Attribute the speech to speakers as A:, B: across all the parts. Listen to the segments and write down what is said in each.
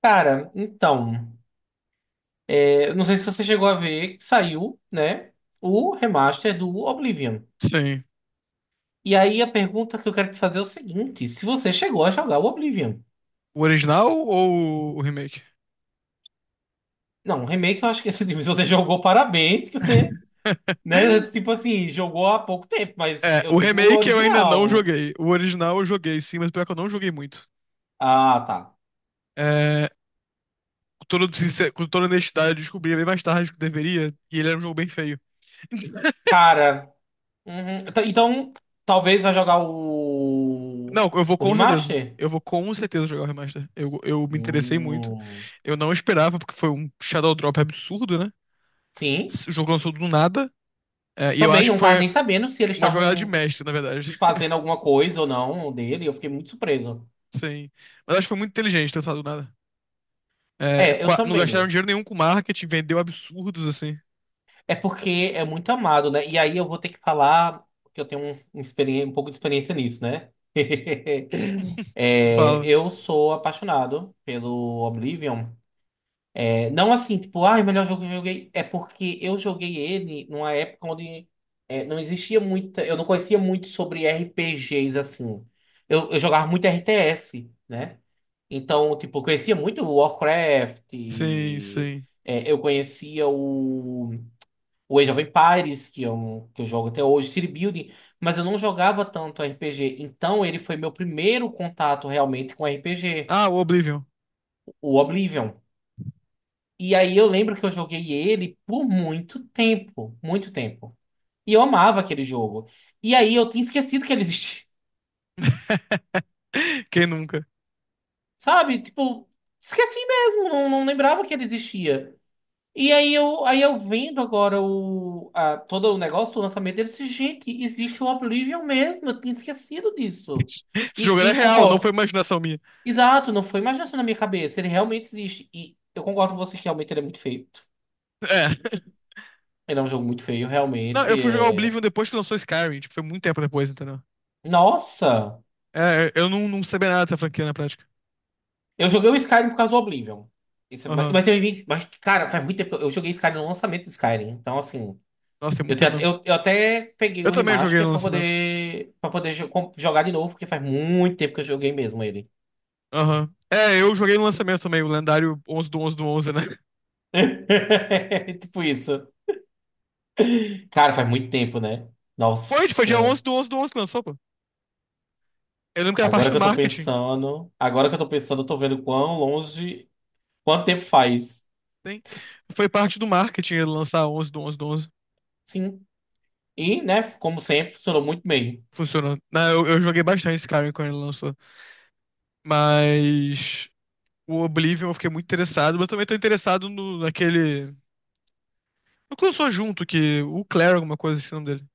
A: Cara, então, não sei se você chegou a ver que saiu, né, o remaster do Oblivion.
B: Sim.
A: E aí a pergunta que eu quero te fazer é o seguinte: se você chegou a jogar o Oblivion?
B: O original ou o remake?
A: Não, o remake eu acho que se você jogou, parabéns, que você, né, tipo assim, jogou há pouco tempo, mas
B: É,
A: eu
B: o
A: digo o
B: remake eu ainda não
A: original.
B: joguei. O original eu joguei, sim, mas pior que eu não joguei muito.
A: Ah, tá.
B: É, com toda honestidade, eu descobri bem mais tarde do que deveria, e ele era um jogo bem feio.
A: Cara, uhum, então, talvez vai jogar o,
B: Não, eu vou
A: o
B: com certeza.
A: remaster?
B: Eu vou com certeza jogar o remaster. Eu me interessei muito.
A: Hum,
B: Eu não esperava, porque foi um Shadow Drop absurdo, né?
A: sim.
B: O jogo lançou do nada. É, e eu
A: Também
B: acho que
A: não tava
B: foi
A: nem sabendo se eles
B: uma jogada de
A: estavam
B: mestre, na verdade.
A: fazendo alguma coisa ou não dele. Eu fiquei muito surpreso.
B: Sim. Mas acho que foi muito inteligente ter lançado do nada. É,
A: É, eu
B: não gastaram
A: também.
B: dinheiro nenhum com marketing, vendeu absurdos assim.
A: É porque é muito amado, né? E aí eu vou ter que falar que eu tenho um pouco de experiência nisso, né? É,
B: Fala.
A: eu sou apaixonado pelo Oblivion. É, não assim, tipo, ai, o melhor jogo que eu joguei. É porque eu joguei ele numa época onde não existia muita. Eu não conhecia muito sobre RPGs assim. Eu jogava muito RTS, né? Então, tipo, eu conhecia muito o Warcraft,
B: Sim,
A: e,
B: sim.
A: eu conhecia o Age of Empires, que é um que eu jogo até hoje, City Building, mas eu não jogava tanto RPG. Então, ele foi meu primeiro contato realmente com RPG,
B: Ah, o Oblivion.
A: o Oblivion. E aí eu lembro que eu joguei ele por muito tempo, muito tempo. E eu amava aquele jogo. E aí eu tinha esquecido que ele existia,
B: Quem nunca?
A: sabe? Tipo, esqueci mesmo, não lembrava que ele existia. E aí eu vendo agora o, todo o negócio do lançamento deles, gente, existe o Oblivion mesmo, eu tinha esquecido disso.
B: Esse jogo
A: E,
B: era
A: e
B: real, não foi
A: concordo.
B: imaginação minha.
A: Exato, não foi imaginação na minha cabeça, ele realmente existe. E eu concordo com vocês que realmente ele é muito feio.
B: É.
A: Ele é um jogo muito feio,
B: Não,
A: realmente.
B: eu fui jogar Oblivion depois que lançou Skyrim. Tipo, foi muito tempo depois, entendeu?
A: Nossa!
B: É, eu não sabia nada dessa franquia na prática.
A: Eu joguei o Skyrim por causa do Oblivion. Isso, mas,
B: Aham.
A: mas, teve- mas, cara, faz muito tempo que eu joguei Skyrim no lançamento do Skyrim. Então, assim.
B: Nossa, tem
A: Eu,
B: muita
A: tenho,
B: mesmo.
A: eu, eu até peguei
B: Eu
A: o
B: também joguei
A: remaster
B: no
A: pra
B: lançamento.
A: poder, pra poder jogar de novo, porque faz muito tempo que eu joguei mesmo ele.
B: Aham. É, eu joguei no lançamento também, o lendário 11/11/11, né?
A: Tipo isso. Cara, faz muito tempo, né?
B: Foi dia 11
A: Nossa.
B: do onze do onze que lançou, pô. Eu lembro que era parte
A: Agora
B: do
A: que eu tô
B: marketing.
A: pensando. Agora que eu tô pensando, eu tô vendo quão longe. Quanto tempo faz?
B: Sim. Foi parte do marketing ele lançar onze, do onze, do 11.
A: Sim. E, né, como sempre, funcionou muito bem.
B: Funcionou. Eu joguei bastante Skyrim quando ele lançou. Mas o Oblivion eu fiquei muito interessado. Mas eu também tô interessado naquele. No que lançou junto, que o Claire, alguma coisa, assim, o nome dele.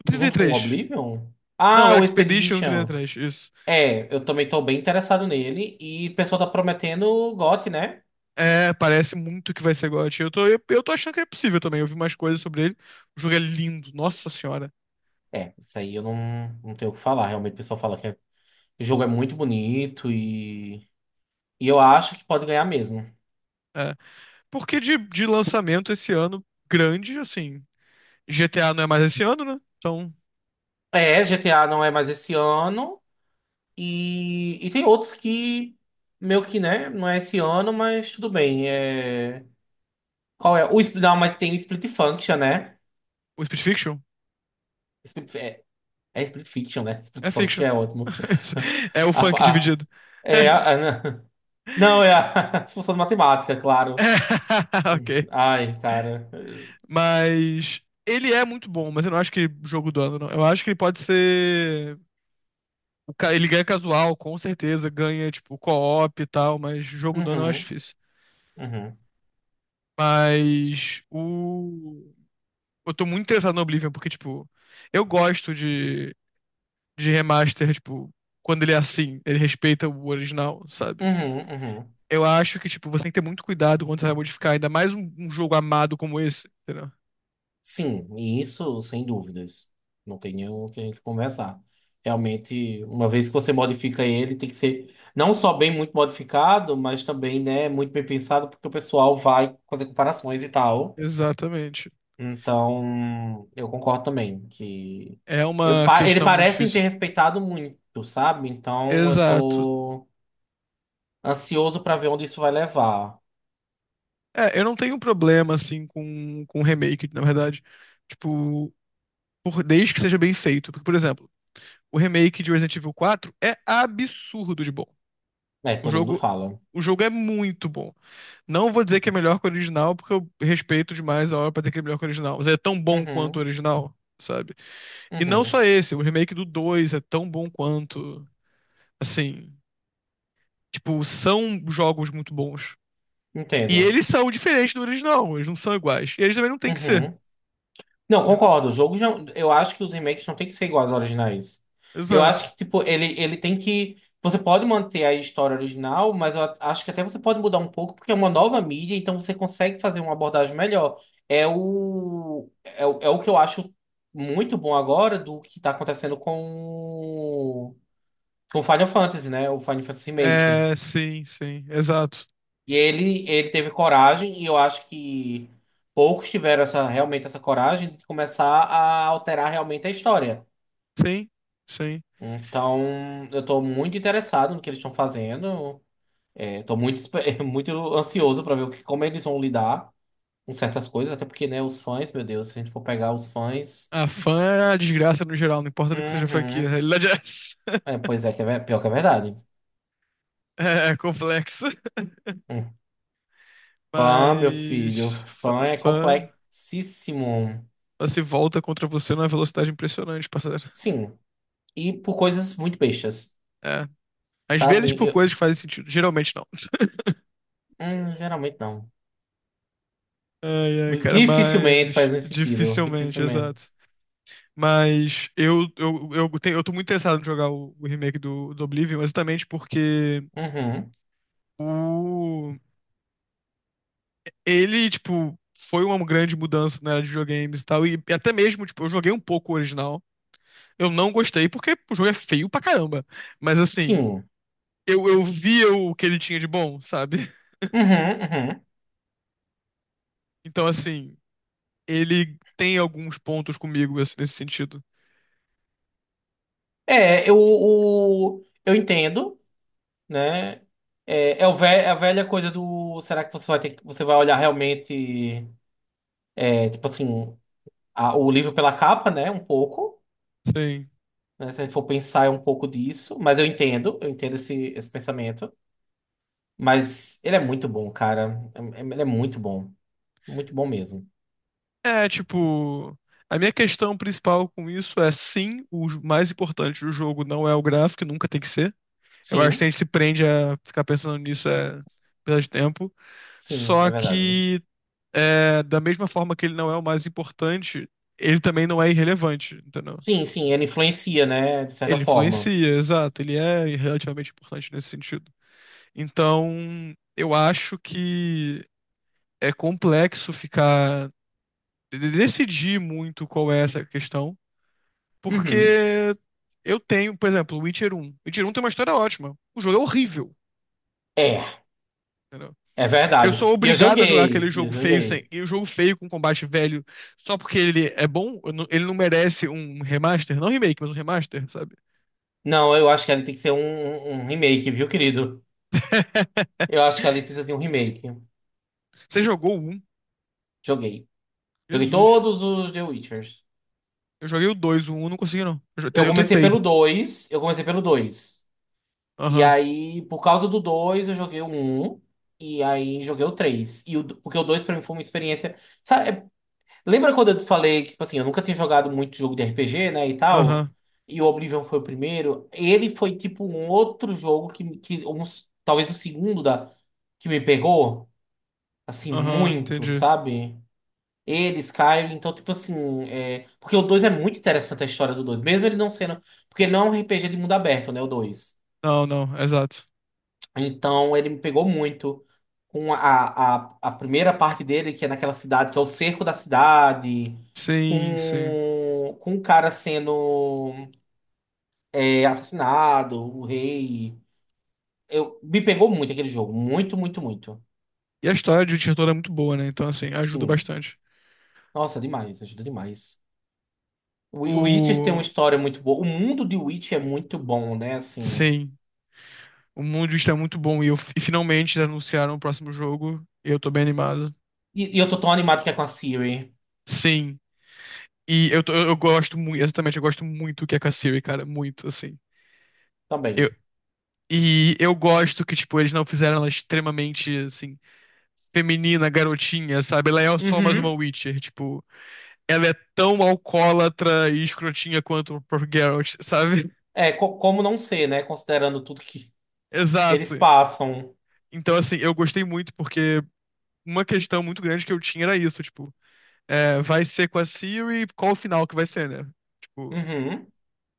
B: O Trinta e
A: Junto com o
B: Três.
A: Oblivion?
B: Não, o
A: Ah, o
B: Expedition Trinta e
A: Expedition.
B: Três. Isso.
A: É, eu também tô bem interessado nele. E o pessoal tá prometendo o GOT, né?
B: É, parece muito que vai ser GOT. Eu tô achando que é possível também. Eu vi umas coisas sobre ele. O jogo é lindo, nossa senhora.
A: É, isso aí eu não tenho o que falar. Realmente o pessoal fala o jogo é muito bonito e eu acho que pode ganhar mesmo.
B: É. Porque de lançamento esse ano, grande, assim. GTA não é mais esse ano, né? Então.
A: É, GTA não é mais esse ano e tem outros que meio que, né, não é esse ano, mas tudo bem. É, qual é? Não, mas tem o Split Function, né?
B: O Split Fiction?
A: Split- é, Split Fiction, né? Split
B: É fiction.
A: Function é ótimo.
B: É o
A: A, fa-
B: funk
A: a-
B: dividido.
A: é, a- não, é a função de matemática, claro.
B: Ok.
A: Ai, cara.
B: Mas ele é muito bom, mas eu não acho que jogo do ano, não. Eu acho que ele pode ser. Ele ganha casual, com certeza. Ganha, tipo, co-op e tal, mas jogo do ano eu acho
A: Uhum.
B: difícil.
A: Uhum,
B: Mas o. Eu tô muito interessado no Oblivion, porque, tipo, eu gosto de remaster, tipo, quando ele é assim, ele respeita o original, sabe?
A: uhum, uhum.
B: Eu acho que, tipo, você tem que ter muito cuidado quando você vai modificar, ainda mais um jogo amado como esse, entendeu?
A: Sim, e isso sem dúvidas. Não tem nenhum que a gente conversar. Realmente, uma vez que você modifica ele, tem que ser não só bem muito modificado, mas também, né, muito bem pensado, porque o pessoal vai fazer comparações e tal.
B: Exatamente.
A: Então, eu concordo também que
B: É uma
A: ele
B: questão muito
A: parece ter
B: difícil.
A: respeitado muito, sabe? Então, eu
B: Exato.
A: tô ansioso pra ver onde isso vai levar.
B: É, eu não tenho problema, assim, com remake, na verdade. Tipo, desde que seja bem feito. Porque, por exemplo, o remake de Resident Evil 4 é absurdo de bom.
A: É,
B: O
A: todo mundo
B: jogo,
A: fala.
B: o jogo é muito bom. Não vou dizer que é melhor que o original, porque eu respeito demais a hora pra dizer que é melhor que o original. Mas é tão bom quanto o
A: Uhum,
B: original, sabe? E não
A: uhum.
B: só esse, o remake do 2 é tão bom quanto. Assim, tipo, são jogos muito bons. E
A: Entendo.
B: eles são diferentes do original, eles não são iguais. E eles também não têm que ser.
A: Uhum. Não,
B: né?
A: concordo. O jogo já. Eu acho que os remakes não tem que ser iguais aos originais. Eu
B: Exato.
A: acho que, tipo, ele tem que. Você pode manter a história original, mas eu acho que até você pode mudar um pouco, porque é uma nova mídia, então você consegue fazer uma abordagem melhor. É o que eu acho muito bom agora do que tá acontecendo o- Com o Final Fantasy, né? O Final Fantasy Remake.
B: É, sim, sim, exato.
A: E ele teve coragem, e eu acho que poucos tiveram essa, realmente essa coragem de começar a alterar realmente a história.
B: Sim, sim.
A: Então, eu tô muito interessado no que eles estão fazendo. É, tô muito muito ansioso para ver como eles vão lidar com certas coisas, até porque, né, os fãs, meu Deus, se a gente for pegar os fãs.
B: A fã é a desgraça no geral, não importa do que seja a franquia. A
A: Uhum.
B: realidade é essa.
A: É, pois é, que é, pior que é verdade.
B: É complexa.
A: Hum. Fã, meu filho,
B: Mas fã,
A: fã é
B: fã
A: complexíssimo.
B: ela se volta contra você numa velocidade impressionante, parceiro.
A: Sim, e por coisas muito bestas.
B: É. Às vezes por
A: Sabe?
B: coisas que fazem sentido, geralmente não.
A: Geralmente não.
B: Ai, ai, cara,
A: Dificilmente
B: mas
A: faz esse sentido.
B: dificilmente, exato.
A: Dificilmente.
B: Mas eu tô muito interessado em jogar o remake do Oblivion, exatamente porque
A: Uhum.
B: o, ele, tipo, foi uma grande mudança na era de videogames e tal. E até mesmo, tipo, eu joguei um pouco o original. Eu não gostei porque o jogo é feio pra caramba. Mas assim,
A: Sim.
B: eu via o que ele tinha de bom, sabe?
A: Uhum, uhum.
B: Então, assim, ele tem alguns pontos comigo assim, nesse sentido.
A: É, eu entendo, né? É, é a velha coisa do. Será que você vai ter que. Você vai olhar realmente, tipo assim, o livro pela capa, né? Um pouco.
B: Sim.
A: Né? Se a gente for pensar, é um pouco disso. Mas eu entendo esse pensamento. Mas ele é muito bom, cara. Ele é muito bom. Muito bom mesmo.
B: É, tipo, a minha questão principal com isso é sim, mais importante do jogo não é o gráfico, nunca tem que ser. Eu acho que se
A: Sim,
B: a gente se prende a ficar pensando nisso é perda de tempo.
A: sim,
B: Só
A: é verdade.
B: que é, da mesma forma que ele não é o mais importante, ele também não é irrelevante, entendeu?
A: Sim, sim, ele influencia, né? De certa
B: Ele
A: forma.
B: influencia, exato, ele é relativamente importante nesse sentido. Então, eu acho que é complexo ficar decidir muito qual é essa questão.
A: Uhum.
B: Porque eu tenho, por exemplo, Witcher um. Witcher um tem uma história ótima. O jogo é horrível.
A: É,
B: entendeu?
A: é
B: Eu sou
A: verdade. E eu
B: obrigado a jogar aquele
A: joguei, e eu
B: jogo feio sem,
A: joguei.
B: e o jogo feio com combate velho só porque ele é bom, eu não- ele não merece um remaster, não remake, mas um remaster, sabe?
A: Não, eu acho que ali tem que ser um remake, viu, querido? Eu acho que ali precisa de um remake.
B: Você jogou o 1?
A: Joguei. Joguei
B: Jesus.
A: todos os The Witchers.
B: Eu joguei o 2, o um não consegui não. Eu, jo-
A: Eu
B: eu
A: comecei
B: tentei.
A: pelo dois eu comecei pelo dois E
B: Aham,
A: aí, por causa do 2 eu joguei o 1. E aí, joguei o 3 porque o 2 pra mim foi uma experiência. Sabe? Lembra quando eu te falei que, tipo assim, eu nunca tinha jogado muito jogo de RPG, né, e tal?
B: aham,
A: E o Oblivion foi o primeiro. Ele foi, tipo, um outro jogo que um, talvez o segundo da, que me pegou, assim,
B: aham,
A: muito,
B: entendi.
A: sabe? Ele, Skyrim, então, tipo assim, porque o 2 é muito interessante a história do 2 mesmo ele não sendo, porque ele não é um RPG de mundo aberto, né, o 2
B: Não, não, exato.
A: então ele me pegou muito com a primeira parte dele, que é naquela cidade, que é o cerco da cidade,
B: Sim, sim.
A: com o cara sendo assassinado, o rei. Me pegou muito aquele jogo, muito, muito, muito.
B: E a história de Witcher toda é muito boa, né? Então, assim, ajuda
A: Sim.
B: bastante.
A: Nossa, demais, ajuda demais. O Witcher tem uma
B: O...
A: história muito boa. O mundo de Witch é muito bom, né? Assim.
B: Sim, o mundo está muito bom e finalmente anunciaram o próximo jogo. E eu tô bem animado.
A: E eu tô tão animado que é com a Siri
B: Sim, eu gosto muito, exatamente, eu gosto muito que é Kassiri, cara, muito, assim. Eu,
A: também.
B: e eu gosto que, tipo, eles não fizeram ela extremamente, assim, feminina, garotinha, sabe? Ela é só mais uma
A: Uhum.
B: Witcher, tipo, ela é tão alcoólatra e escrotinha quanto o próprio Geralt, sabe?
A: É, como não ser, né? Considerando tudo que eles
B: Exato.
A: passam.
B: Então, assim, eu gostei muito porque uma questão muito grande que eu tinha era isso, tipo. É, vai ser com a Siri, qual o final que vai ser, né? Tipo,
A: Uhum.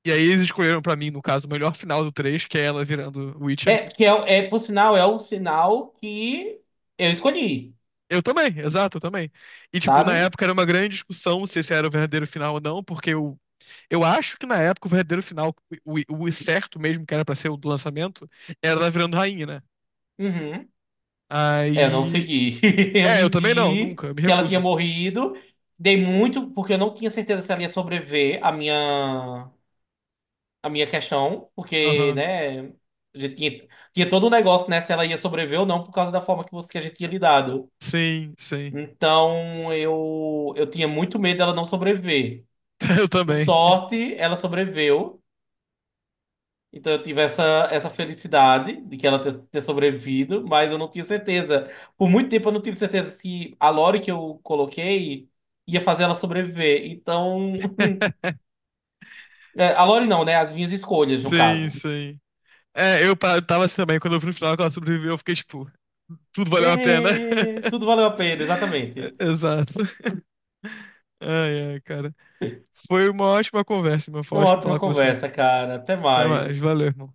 B: e aí eles escolheram pra mim, no caso, o melhor final do 3 que é ela virando Witcher.
A: É, que é, é, por sinal, é o sinal que eu escolhi,
B: Eu também, exato, eu também. E, tipo, na
A: sabe?
B: época era uma grande discussão se esse era o verdadeiro final ou não, porque eu acho que na época o verdadeiro final, o, o certo mesmo, que era pra ser o do lançamento, era ela virando rainha, né?
A: Uhum. É, eu não
B: Aí.
A: segui. Eu
B: É, eu também não,
A: menti
B: nunca, eu me
A: que ela tinha
B: recuso.
A: morrido. Dei muito, porque eu não tinha certeza se ela ia sobreviver a minha, questão, porque,
B: Aham.
A: né, a gente tinha todo um negócio, né, se ela ia sobreviver ou não, por causa da forma que a gente tinha lidado.
B: Sim, sim.
A: Então, eu tinha muito medo dela não sobreviver.
B: Eu
A: Por
B: também.
A: sorte, ela sobreviveu. Então eu tive essa felicidade de que ela ter sobrevivido, mas eu não tinha certeza. Por muito tempo eu não tive certeza se a Lore que eu coloquei ia fazer ela sobreviver. Então. A Lore não, né? As minhas escolhas, no
B: Sim,
A: caso.
B: sim. É, tava assim também, quando eu vi no final que ela sobreviveu, eu fiquei tipo, tudo valeu a pena.
A: É, tudo valeu a pena, exatamente.
B: Exato. Ai, ai, cara. Foi uma ótima conversa, irmão. Foi
A: Uma
B: ótimo
A: ótima
B: falar com você.
A: conversa, cara. Até
B: Até mais.
A: mais.
B: Valeu, irmão.